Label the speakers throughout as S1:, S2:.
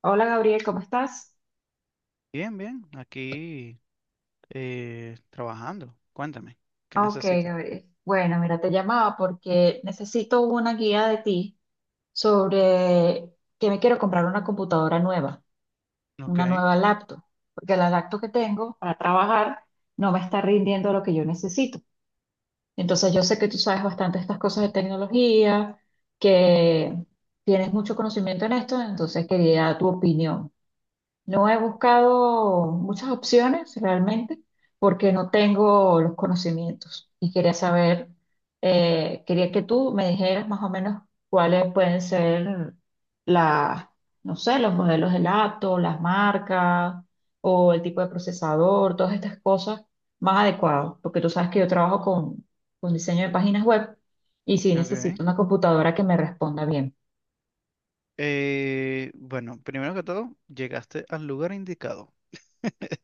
S1: Hola Gabriel, ¿cómo estás?
S2: Bien, bien, aquí trabajando. Cuéntame, ¿qué
S1: Ok,
S2: necesitas?
S1: Gabriel. Bueno, mira, te llamaba porque necesito una guía de ti sobre que me quiero comprar una computadora nueva,
S2: Ok,
S1: una nueva laptop, porque la laptop que tengo para trabajar no me está rindiendo lo que yo necesito. Entonces yo sé que tú sabes bastante estas cosas de tecnología, que tienes mucho conocimiento en esto, entonces quería tu opinión. No he buscado muchas opciones realmente porque no tengo los conocimientos y quería saber, quería que tú me dijeras más o menos cuáles pueden ser las, no sé, los modelos de laptop, las marcas o el tipo de procesador, todas estas cosas más adecuadas, porque tú sabes que yo trabajo con diseño de páginas web y sí
S2: ok.
S1: necesito una computadora que me responda bien.
S2: Bueno, primero que todo, llegaste al lugar indicado.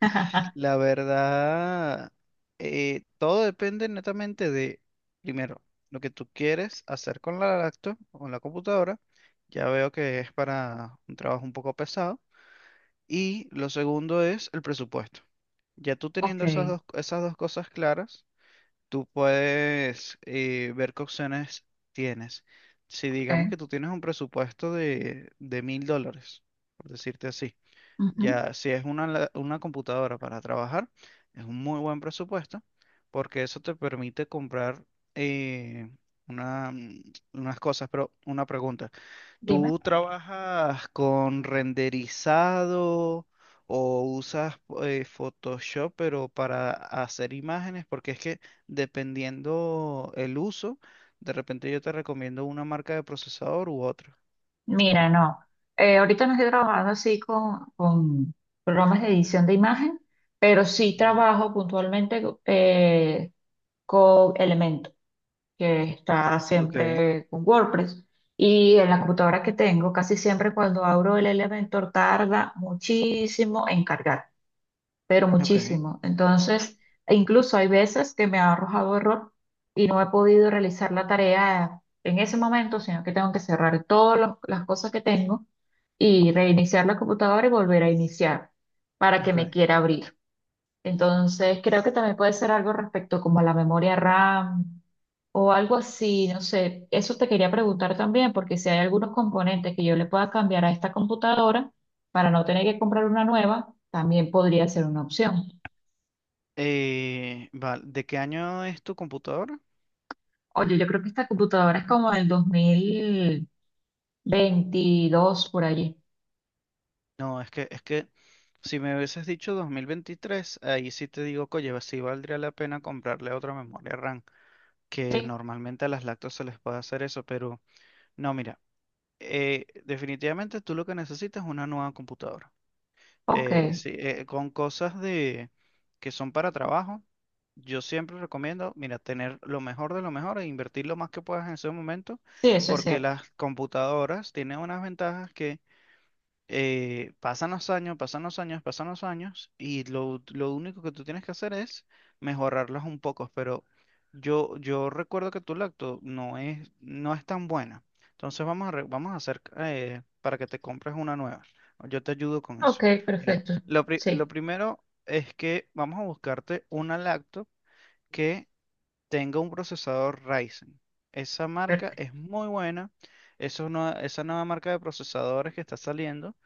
S2: La verdad, todo depende netamente de, primero, lo que tú quieres hacer con la laptop o con la computadora. Ya veo que es para un trabajo un poco pesado. Y lo segundo es el presupuesto. Ya tú
S1: Ok,
S2: teniendo esas dos cosas claras, tú puedes ver qué opciones tienes. Si digamos
S1: ok.
S2: que tú tienes un presupuesto de mil dólares, por decirte así,
S1: Ujú.
S2: ya si es una, una computadora para trabajar, es un muy buen presupuesto porque eso te permite comprar eh, una, unas cosas. Pero una pregunta,
S1: Dime.
S2: ¿tú trabajas con renderizado o usas Photoshop, pero para hacer imágenes? Porque es que dependiendo el uso, de repente yo te recomiendo una marca de procesador u otra.
S1: Mira, no. Ahorita no estoy trabajando así con programas de edición de imagen, pero sí
S2: Ujú.
S1: trabajo puntualmente con Elementor, que está
S2: Ok,
S1: siempre con WordPress. Y en la computadora que tengo, casi siempre cuando abro el Elementor tarda muchísimo en cargar pero
S2: ok,
S1: muchísimo. Entonces, e incluso hay veces que me ha arrojado error y no he podido realizar la tarea en ese momento, sino que tengo que cerrar las cosas que tengo y reiniciar la computadora y volver a iniciar para que
S2: ok.
S1: me quiera abrir. Entonces, creo que también puede ser algo respecto como a la memoria RAM o algo así, no sé. Eso te quería preguntar también, porque si hay algunos componentes que yo le pueda cambiar a esta computadora para no tener que comprar una nueva, también podría ser una opción.
S2: Vale, ¿de qué año es tu computadora?
S1: Oye, yo creo que esta computadora es como del 2022 por allí.
S2: No, es que si me hubieses dicho 2023, ahí sí te digo, oye, sí valdría la pena comprarle otra memoria RAM, que
S1: Sí,
S2: normalmente a las lactos se les puede hacer eso, pero no, mira, definitivamente tú lo que necesitas es una nueva computadora.
S1: ok.
S2: Sí, con cosas de que son para trabajo, yo siempre recomiendo, mira, tener lo mejor de lo mejor e invertir lo más que puedas en ese momento,
S1: Sí, eso es
S2: porque
S1: cierto.
S2: las computadoras tienen unas ventajas que pasan los años, pasan los años, pasan los años y lo único que tú tienes que hacer es mejorarlas un poco, pero yo recuerdo que tu lacto no es, no es tan buena. Entonces vamos a hacer para que te compres una nueva. Yo te ayudo con
S1: Ok,
S2: eso. Mira,
S1: perfecto.
S2: lo
S1: Sí,
S2: primero es que vamos a buscarte una lacto que tenga un procesador Ryzen. Esa marca
S1: perfecto.
S2: es muy buena. Eso no- Esa nueva marca de procesadores que está saliendo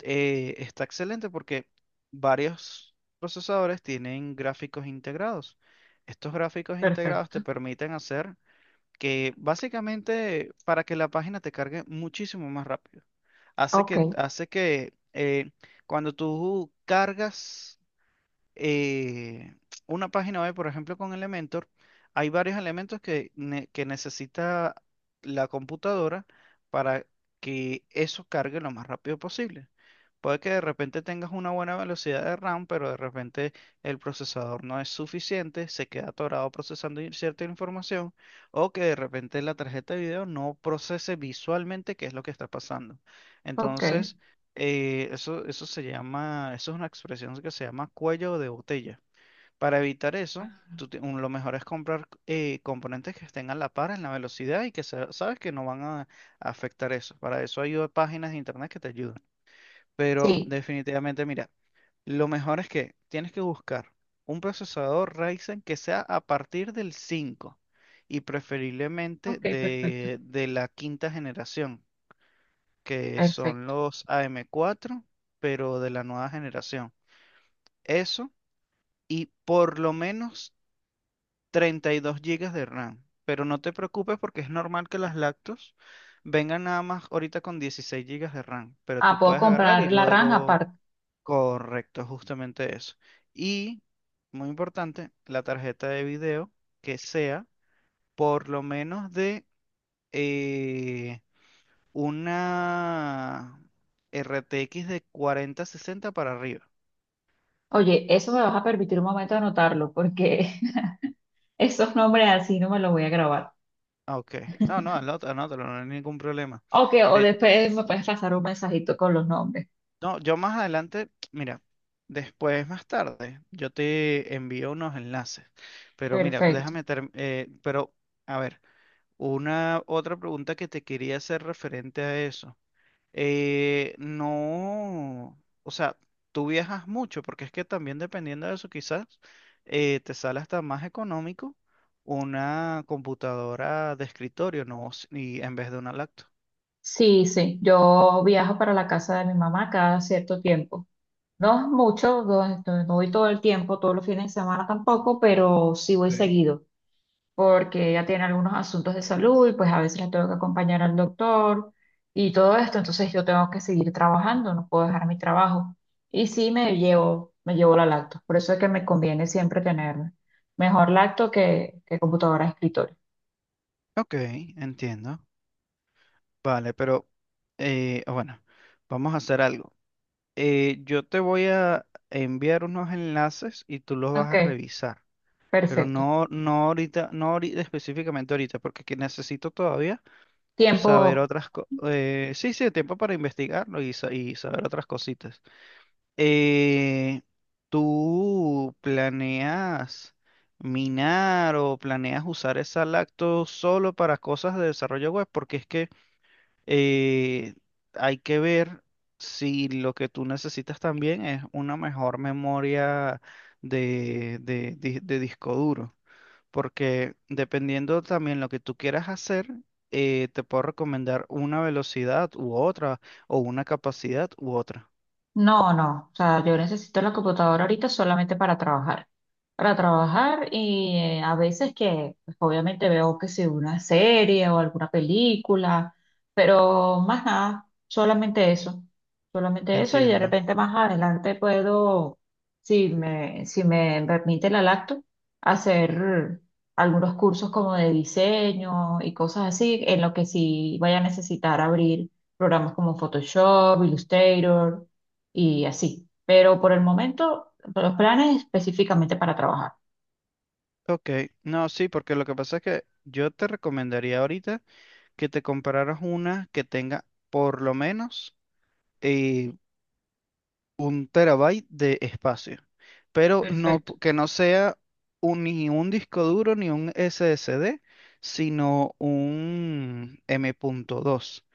S2: está excelente porque varios procesadores tienen gráficos integrados. Estos gráficos integrados te
S1: Perfecto.
S2: permiten hacer que básicamente para que la página te cargue muchísimo más rápido. Hace
S1: Ok,
S2: que, hace que cuando tú cargas eh, una página web, por ejemplo, con Elementor, hay varios elementos que necesita la computadora para que eso cargue lo más rápido posible. Puede que de repente tengas una buena velocidad de RAM, pero de repente el procesador no es suficiente, se queda atorado procesando cierta información, o que de repente la tarjeta de video no procese visualmente qué es lo que está pasando.
S1: ok.
S2: Entonces, eso se llama, eso es una expresión que se llama cuello de botella. Para evitar eso, lo mejor es comprar componentes que estén a la par en la velocidad y que sabes que no van a afectar eso. Para eso hay páginas de internet que te ayudan. Pero
S1: Sí,
S2: definitivamente, mira, lo mejor es que tienes que buscar un procesador Ryzen que sea a partir del 5 y preferiblemente
S1: ok, perfecto.
S2: de la quinta generación, que son
S1: Perfecto.
S2: los AM4, pero de la nueva generación. Eso y por lo menos 32 gigas de RAM. Pero no te preocupes porque es normal que las lactos vengan nada más ahorita con 16 gigas de RAM, pero
S1: Ah,
S2: tú
S1: puedo
S2: puedes agarrar y
S1: comprar la RAM
S2: luego.
S1: aparte.
S2: Correcto, justamente eso. Y, muy importante, la tarjeta de video que sea por lo menos de... eh, una RTX de 4060 para arriba.
S1: Oye, eso me vas a permitir un momento anotarlo, porque esos nombres así no me los voy a grabar.
S2: Ah, ok. No, no, anótalo, anótalo, no hay ningún problema.
S1: Ok, o
S2: De,
S1: después me puedes pasar un mensajito con los nombres.
S2: no, yo más adelante, mira, después, más tarde, yo te envío unos enlaces. Pero mira,
S1: Perfecto.
S2: a ver, una otra pregunta que te quería hacer referente a eso. No, o sea, tú viajas mucho, porque es que también dependiendo de eso, quizás te sale hasta más económico una computadora de escritorio, ¿no? Y en vez de una laptop.
S1: Sí, sí, yo viajo para la casa de mi mamá cada cierto tiempo. No es mucho, no, no voy todo el tiempo, todos los fines de semana tampoco, pero sí voy
S2: Ok.
S1: seguido. Porque ella tiene algunos asuntos de salud y pues a veces la tengo que acompañar al doctor y todo esto, entonces yo tengo que seguir trabajando, no puedo dejar mi trabajo. Y sí me llevo la lacto, por eso es que me conviene siempre tener mejor lacto que computadora de escritorio.
S2: Ok, entiendo. Vale, pero bueno, vamos a hacer algo. Yo te voy a enviar unos enlaces y tú los vas
S1: Ok,
S2: a revisar, pero
S1: perfecto.
S2: no, no ahorita, no ahorita, específicamente ahorita, porque que necesito todavía
S1: Tiempo.
S2: saber otras cosas. Sí, sí, tiempo para investigarlo y y saber otras cositas. Eh, ¿Tú planeas minar o planeas usar esa lacto solo para cosas de desarrollo web? Porque es que eh, hay que ver si lo que tú necesitas también es una mejor memoria de disco duro porque dependiendo también lo que tú quieras hacer, te puedo recomendar una velocidad u otra, o una capacidad u otra.
S1: No, no, o sea, yo necesito la computadora ahorita solamente para trabajar. Para trabajar y a veces que pues, obviamente veo que si una serie o alguna película, pero más nada, solamente eso. Solamente eso y de
S2: Entiendo.
S1: repente más adelante puedo, si me permite la lacto, hacer algunos cursos como de diseño y cosas así, en lo que sí vaya a necesitar abrir programas como Photoshop, Illustrator y así. Pero por el momento, los planes específicamente para trabajar.
S2: Ok, no, sí, porque lo que pasa es que yo te recomendaría ahorita que te compraras una que tenga por lo menos eh, un terabyte de espacio, pero
S1: Perfecto.
S2: que no sea ni un disco duro ni un SSD, sino un M.2.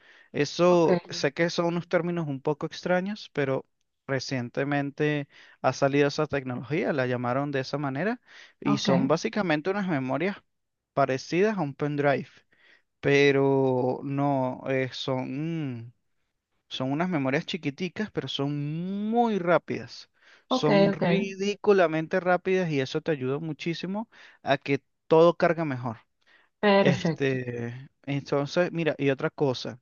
S1: Ok.
S2: Eso sé que son unos términos un poco extraños, pero recientemente ha salido esa tecnología, la llamaron de esa manera, y
S1: Ok,
S2: son básicamente unas memorias parecidas a un pendrive, pero no son. Son unas memorias chiquiticas, pero son muy rápidas.
S1: ok,
S2: Son
S1: ok.
S2: ridículamente rápidas y eso te ayuda muchísimo a que todo carga mejor.
S1: Perfecto.
S2: Este, entonces, mira, y otra cosa,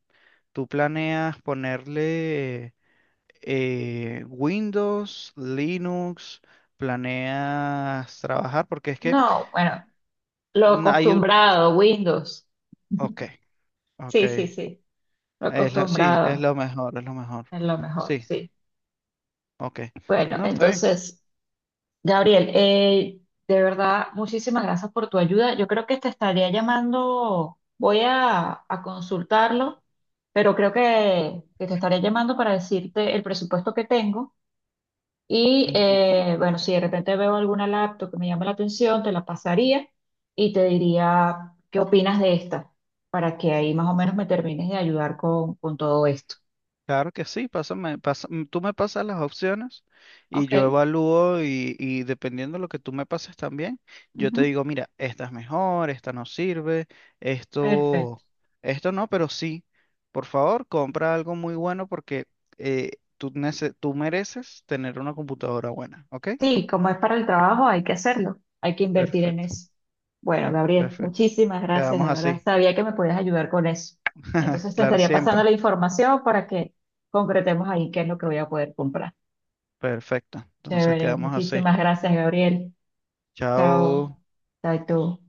S2: tú planeas ponerle Windows, Linux, planeas trabajar, porque es que
S1: No, bueno, lo
S2: na- hay un-
S1: acostumbrado, Windows.
S2: ok, ok.
S1: Sí, sí, sí. Lo
S2: Es la, sí, es
S1: acostumbrado
S2: lo mejor, es lo mejor.
S1: es lo mejor,
S2: Sí,
S1: sí.
S2: ok.
S1: Bueno,
S2: No, está bien.
S1: entonces. Gabriel, de verdad, muchísimas gracias por tu ayuda. Yo creo que te estaría llamando, a consultarlo, pero creo que te estaría llamando para decirte el presupuesto que tengo. Y
S2: Ujú.
S1: bueno, si de repente veo alguna laptop que me llama la atención, te la pasaría y te diría qué opinas de esta, para que ahí más o menos me termines de ayudar con todo esto.
S2: Claro que sí, tú me pasas las opciones y
S1: Ok.
S2: yo evalúo y dependiendo de lo que tú me pases también, yo te
S1: Ujú.
S2: digo, mira, esta es mejor, esta no sirve, esto,
S1: Perfecto.
S2: esto no, pero sí, por favor, compra algo muy bueno porque eh, tú, tú mereces tener una computadora buena, ¿ok?
S1: Sí, como es para el trabajo, hay que hacerlo, hay que invertir en
S2: Perfecto,
S1: eso. Bueno, Gabriel,
S2: perfecto.
S1: muchísimas gracias,
S2: Quedamos
S1: de verdad.
S2: así.
S1: Sabía que me podías ayudar con eso. Entonces te
S2: Claro,
S1: estaría pasando
S2: siempre.
S1: la información para que concretemos ahí qué es lo que voy a poder comprar.
S2: Perfecto. Entonces
S1: Chévere,
S2: quedamos así.
S1: muchísimas gracias, Gabriel. Chao.
S2: Chao.
S1: Chao, y tú.